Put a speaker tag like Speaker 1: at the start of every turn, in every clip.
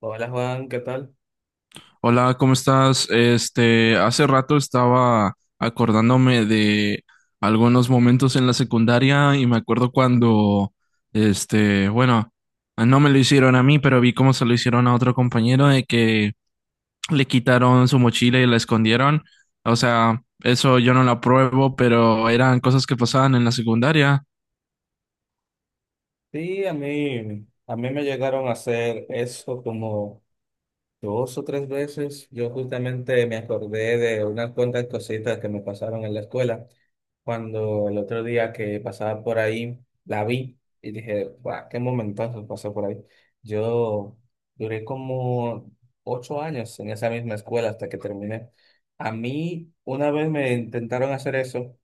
Speaker 1: Hola Juan, ¿qué tal?
Speaker 2: Hola, ¿cómo estás? Hace rato estaba acordándome de algunos momentos en la secundaria y me acuerdo cuando, bueno, no me lo hicieron a mí, pero vi cómo se lo hicieron a otro compañero de que le quitaron su mochila y la escondieron. O sea, eso yo no lo apruebo, pero eran cosas que pasaban en la secundaria.
Speaker 1: Sí, a mí me llegaron a hacer eso como dos o tres veces. Yo justamente me acordé de unas cuantas cositas que me pasaron en la escuela cuando el otro día que pasaba por ahí la vi y dije, guau, qué momentazo pasó por ahí. Yo duré como 8 años en esa misma escuela hasta que terminé. A mí una vez me intentaron hacer eso,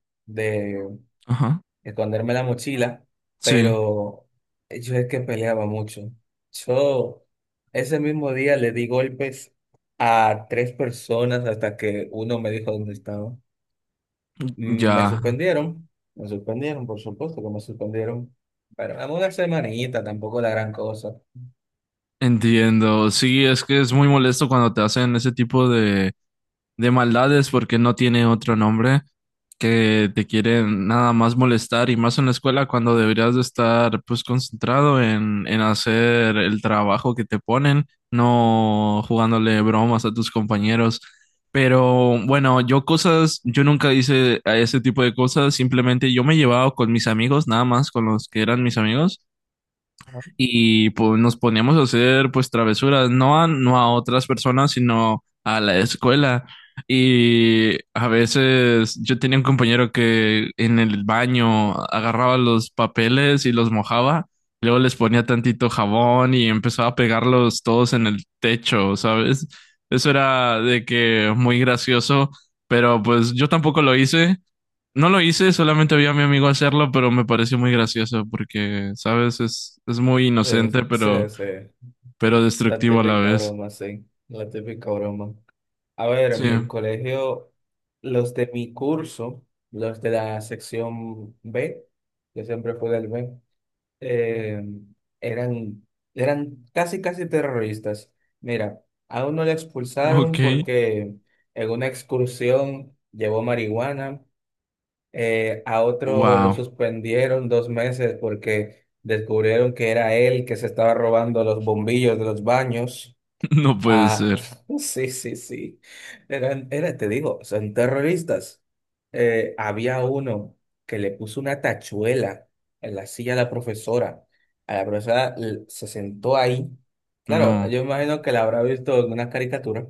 Speaker 2: Ajá.
Speaker 1: esconderme la mochila,
Speaker 2: Sí,
Speaker 1: pero yo es que peleaba mucho. Yo ese mismo día le di golpes a tres personas hasta que uno me dijo dónde estaba. Mm, Me
Speaker 2: ya
Speaker 1: suspendieron, me suspendieron, por supuesto que me suspendieron, pero dame una semanita, tampoco la gran cosa.
Speaker 2: entiendo. Sí, es que es muy molesto cuando te hacen ese tipo de maldades porque no tiene otro nombre, que te quieren nada más molestar y más en la escuela cuando deberías de estar pues concentrado en hacer el trabajo que te ponen, no jugándole bromas a tus compañeros. Pero bueno, yo nunca hice a ese tipo de cosas, simplemente yo me llevaba con mis amigos, nada más con los que eran mis amigos
Speaker 1: Ajá.
Speaker 2: y pues nos poníamos a hacer pues travesuras, no a otras personas, sino a la escuela. Y a veces yo tenía un compañero que en el baño agarraba los papeles y los mojaba, luego les ponía tantito jabón y empezaba a pegarlos todos en el techo, ¿sabes? Eso era de que muy gracioso, pero pues yo tampoco lo hice, no lo hice, solamente vi a mi amigo hacerlo, pero me pareció muy gracioso porque, sabes, es muy
Speaker 1: Sí,
Speaker 2: inocente,
Speaker 1: sí, sí,
Speaker 2: pero,
Speaker 1: sí.
Speaker 2: pero
Speaker 1: La
Speaker 2: destructivo a la
Speaker 1: típica
Speaker 2: vez.
Speaker 1: broma, sí, la típica broma. A ver,
Speaker 2: Sí.
Speaker 1: en mi colegio, los de mi curso, los de la sección B, yo siempre fui del B, eh, eran, eran casi, casi terroristas. Mira, a uno le
Speaker 2: Ok.
Speaker 1: expulsaron porque en una excursión llevó marihuana. A otro lo
Speaker 2: Wow.
Speaker 1: suspendieron 2 meses porque descubrieron que era él que se estaba robando los bombillos de los baños.
Speaker 2: No puede
Speaker 1: Ah,
Speaker 2: ser.
Speaker 1: sí, sí, sí. Era, te digo, son terroristas. Había uno que le puso una tachuela en la silla de la profesora. A la profesora se sentó ahí. Claro,
Speaker 2: No.
Speaker 1: yo imagino que la habrá visto en una caricatura.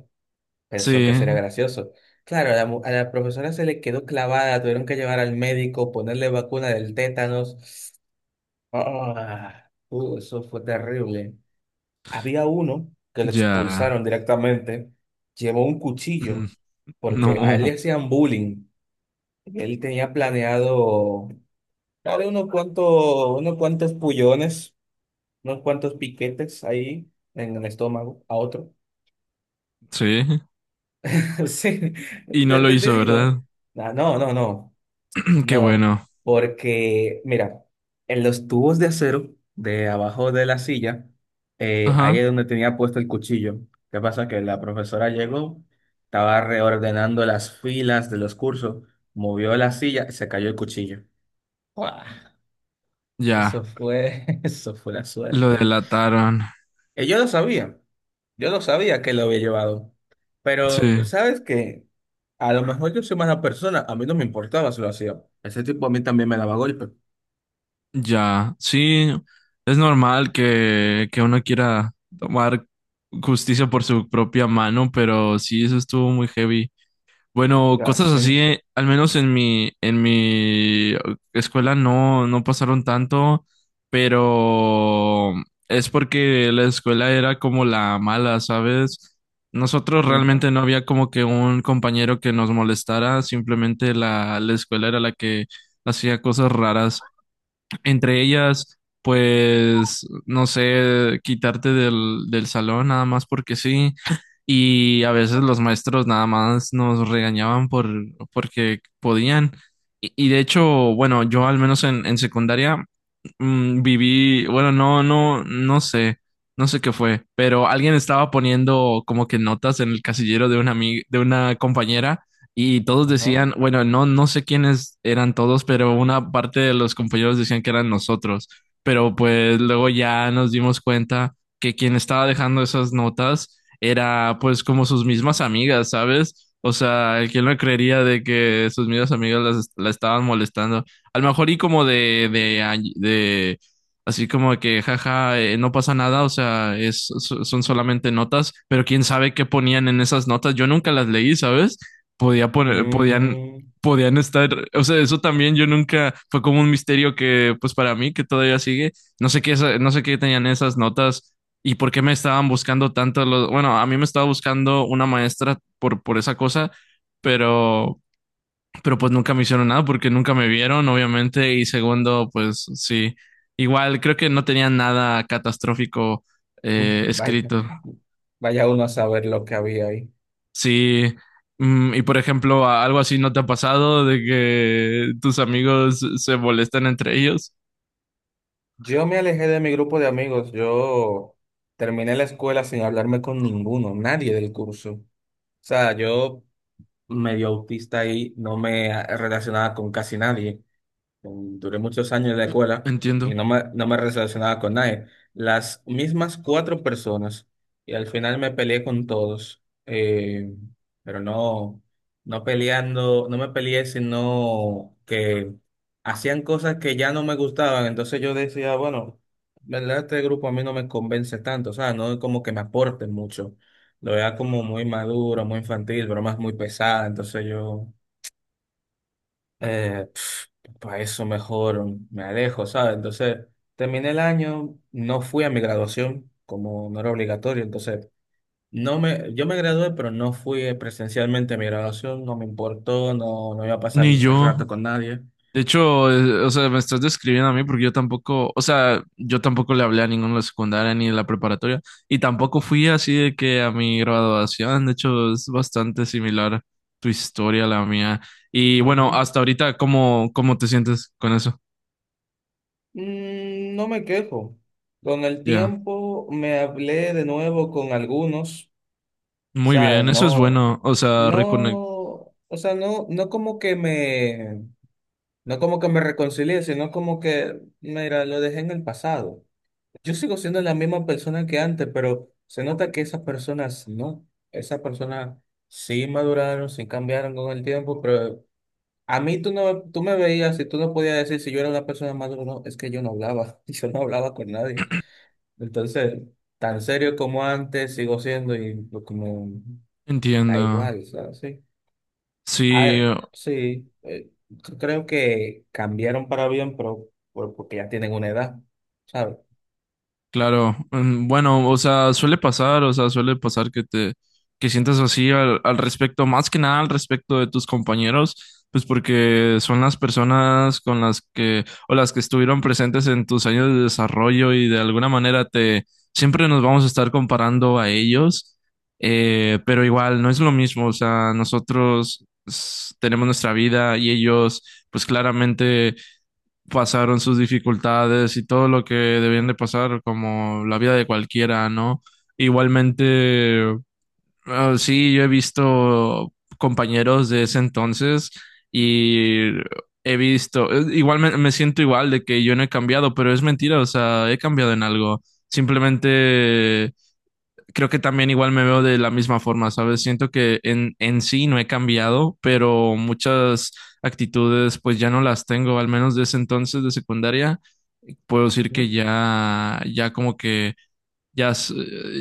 Speaker 1: Pensó
Speaker 2: Sí.
Speaker 1: que sería gracioso. Claro, a la profesora se le quedó clavada, tuvieron que llevar al médico, ponerle vacuna del tétanos. Ah, eso fue terrible. Había uno que le
Speaker 2: Ya.
Speaker 1: expulsaron directamente, llevó un
Speaker 2: Mm.
Speaker 1: cuchillo porque a él le
Speaker 2: No.
Speaker 1: hacían bullying. Él tenía planeado darle unos cuantos pullones, unos cuantos piquetes ahí en el estómago a otro.
Speaker 2: Sí.
Speaker 1: Sí,
Speaker 2: Y no lo
Speaker 1: te
Speaker 2: hizo,
Speaker 1: digo.
Speaker 2: ¿verdad?
Speaker 1: Ah, no, no, no.
Speaker 2: Qué
Speaker 1: No,
Speaker 2: bueno.
Speaker 1: porque mira, en los tubos de acero de abajo de la silla, ahí
Speaker 2: Ajá.
Speaker 1: es donde tenía puesto el cuchillo. ¿Qué pasa? Que la profesora llegó, estaba reordenando las filas de los cursos, movió la silla y se cayó el cuchillo. ¡Guau! Eso
Speaker 2: Ya.
Speaker 1: fue, eso fue la
Speaker 2: Lo
Speaker 1: suerte.
Speaker 2: delataron.
Speaker 1: Y yo lo sabía que lo había llevado.
Speaker 2: Sí.
Speaker 1: Pero, ¿sabes qué? A lo mejor yo soy mala persona, a mí no me importaba si lo hacía. Ese tipo a mí también me daba golpe.
Speaker 2: Ya, sí, es normal que uno quiera tomar justicia por su propia mano, pero sí, eso estuvo muy heavy. Bueno,
Speaker 1: Ya
Speaker 2: cosas
Speaker 1: sé.
Speaker 2: así, al menos en mi escuela no, no pasaron tanto, pero es porque la escuela era como la mala, ¿sabes? Nosotros
Speaker 1: Ujú,
Speaker 2: realmente no había como que un compañero que nos molestara, simplemente la escuela era la que hacía cosas raras. Entre ellas, pues, no sé, quitarte del salón nada más porque sí. Y a veces los maestros nada más nos regañaban porque podían. Y de hecho, bueno, yo al menos en secundaria viví, bueno, no, no, no sé qué fue, pero alguien estaba poniendo como que notas en el casillero de una amiga, de una compañera y todos
Speaker 1: ajá.
Speaker 2: decían, bueno, no, no sé quiénes eran todos, pero una parte de los compañeros decían que eran nosotros. Pero pues luego ya nos dimos cuenta que quien estaba dejando esas notas era pues como sus mismas amigas, ¿sabes? O sea, ¿quién lo creería de que sus mismas amigas la estaban molestando? A lo mejor y como de así como que, jaja, no pasa nada, o sea, son solamente notas, pero quién sabe qué ponían en esas notas, yo nunca las leí, ¿sabes? podía poner, podían,
Speaker 1: Mm,
Speaker 2: podían estar, o sea, eso también yo nunca, fue como un misterio que, pues para mí, que todavía sigue, no sé qué tenían esas notas y por qué me estaban buscando tanto, bueno, a mí me estaba buscando una maestra por esa cosa, pero, pero pues nunca me hicieron nada porque nunca me vieron, obviamente, y segundo, pues sí, igual creo que no tenían nada catastrófico
Speaker 1: vaya,
Speaker 2: escrito.
Speaker 1: vaya uno a saber lo que había ahí.
Speaker 2: Sí, y por ejemplo, algo así no te ha pasado de que tus amigos se molestan entre ellos.
Speaker 1: Yo me alejé de mi grupo de amigos. Yo terminé la escuela sin hablarme con ninguno, nadie del curso. O sea, yo medio autista ahí, no me relacionaba con casi nadie. Duré muchos años en la escuela y
Speaker 2: Entiendo.
Speaker 1: no me relacionaba con nadie. Las mismas cuatro personas y al final me peleé con todos, pero no, no peleando, no me peleé, sino que hacían cosas que ya no me gustaban. Entonces yo decía, bueno, ¿verdad? Este grupo a mí no me convence tanto, o sea, no es como que me aporten mucho. Lo veía como muy maduro, muy infantil, bromas muy pesadas. Entonces yo, eh, para eso mejor me alejo, ¿sabes? Entonces, terminé el año, no fui a mi graduación, como no era obligatorio. Entonces, no me, yo me gradué, pero no fui, presencialmente, a mi graduación. No me importó, no, no iba a pasar
Speaker 2: Ni yo.
Speaker 1: rato con nadie.
Speaker 2: De hecho, o sea, me estás describiendo a mí porque yo tampoco, o sea, yo tampoco le hablé a ninguno de la secundaria ni de la preparatoria y tampoco fui así de que a mi graduación. De hecho, es bastante similar tu historia a la mía. Y bueno,
Speaker 1: Ujú.
Speaker 2: hasta ahorita, ¿cómo te sientes con eso?
Speaker 1: No me quejo. Con el
Speaker 2: Ya.
Speaker 1: tiempo me hablé de nuevo con algunos,
Speaker 2: Muy
Speaker 1: ¿sabes?
Speaker 2: bien, eso es
Speaker 1: No,
Speaker 2: bueno. O sea, reconectar.
Speaker 1: no, o sea, no como que me reconcilié, sino como que, mira, lo dejé en el pasado. Yo sigo siendo la misma persona que antes, pero se nota que esas personas no. Esas personas sí maduraron, sí cambiaron con el tiempo, pero a mí tú no, tú me veías y tú no podías decir si yo era una persona madura o no. Es que yo no hablaba, yo no hablaba con nadie. Entonces, tan serio como antes sigo siendo y pues, como da
Speaker 2: Entiendo.
Speaker 1: igual, ¿sabes? Sí. A
Speaker 2: Sí,
Speaker 1: ver, sí, yo creo que cambiaron para bien, pero porque ya tienen una edad, ¿sabes?
Speaker 2: claro. Bueno, o sea, suele pasar, o sea, suele pasar que sientas así al, respecto, más que nada al respecto de tus compañeros, pues porque son las personas con las que, o las que estuvieron presentes en tus años de desarrollo y de alguna manera siempre nos vamos a estar comparando a ellos, pero igual, no es lo mismo, o sea, nosotros tenemos nuestra vida y ellos, pues claramente pasaron sus dificultades y todo lo que debían de pasar, como la vida de cualquiera, ¿no? Igualmente, ah, sí, yo he visto compañeros de ese entonces y he visto, igual me siento igual de que yo no he cambiado, pero es mentira, o sea, he cambiado en algo. Simplemente creo que también igual me veo de la misma forma, ¿sabes? Siento que en sí no he cambiado, pero muchas actitudes pues ya no las tengo, al menos de ese entonces de secundaria. Puedo decir que
Speaker 1: ¿Mm?
Speaker 2: ya como que ya, s-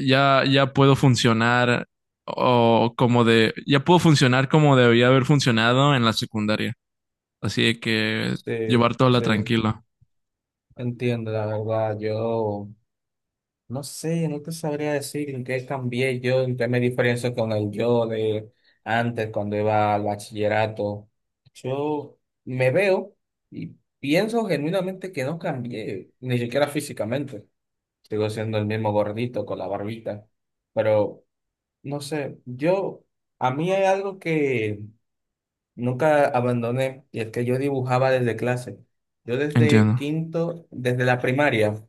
Speaker 2: ya, ya puedo funcionar ya puedo funcionar como debía haber funcionado en la secundaria. Así de que
Speaker 1: Sí,
Speaker 2: llevar toda la
Speaker 1: sí,
Speaker 2: tranquila.
Speaker 1: entiendo, la verdad. Yo no sé, no te sabría decir en qué cambié yo, en qué me diferencio con el yo de antes, cuando iba al bachillerato. Yo me veo y pienso genuinamente que no cambié, ni siquiera físicamente. Sigo siendo el mismo gordito con la barbita, pero no sé, a mí hay algo que nunca abandoné, y es que yo dibujaba desde clase. Yo desde
Speaker 2: Entiendo.
Speaker 1: quinto, desde la primaria,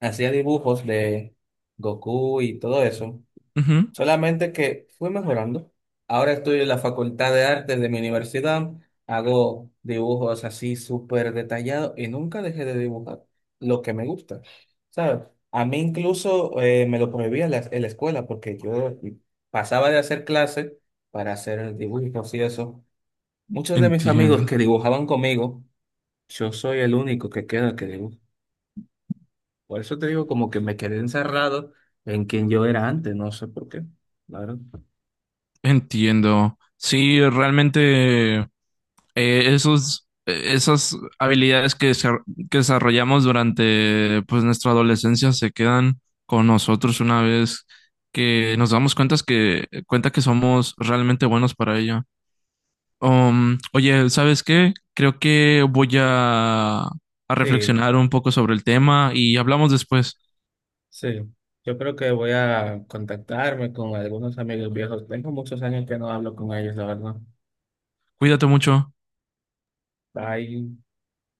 Speaker 1: hacía dibujos de Goku y todo eso.
Speaker 2: Ujú.
Speaker 1: Solamente que fui mejorando. Ahora estoy en la Facultad de Artes de mi universidad. Hago dibujos así súper detallados y nunca dejé de dibujar lo que me gusta. ¿Sabes? A mí incluso, me lo prohibía en la escuela, porque yo pasaba de hacer clases para hacer dibujos y eso. Muchos de mis amigos
Speaker 2: Entiendo.
Speaker 1: que dibujaban conmigo, yo soy el único que queda que dibuja. Por eso te digo, como que me quedé encerrado en quien yo era antes, no sé por qué. Claro.
Speaker 2: Entiendo. Sí, realmente esas habilidades que desarrollamos durante pues, nuestra adolescencia se quedan con nosotros una vez que nos damos cuenta que somos realmente buenos para ello. Oye, ¿sabes qué? Creo que voy a
Speaker 1: Sí.
Speaker 2: reflexionar un poco sobre el tema y hablamos después.
Speaker 1: Sí, yo creo que voy a contactarme con algunos amigos viejos. Tengo muchos años que no hablo con ellos, la verdad.
Speaker 2: Cuídate mucho.
Speaker 1: Bye.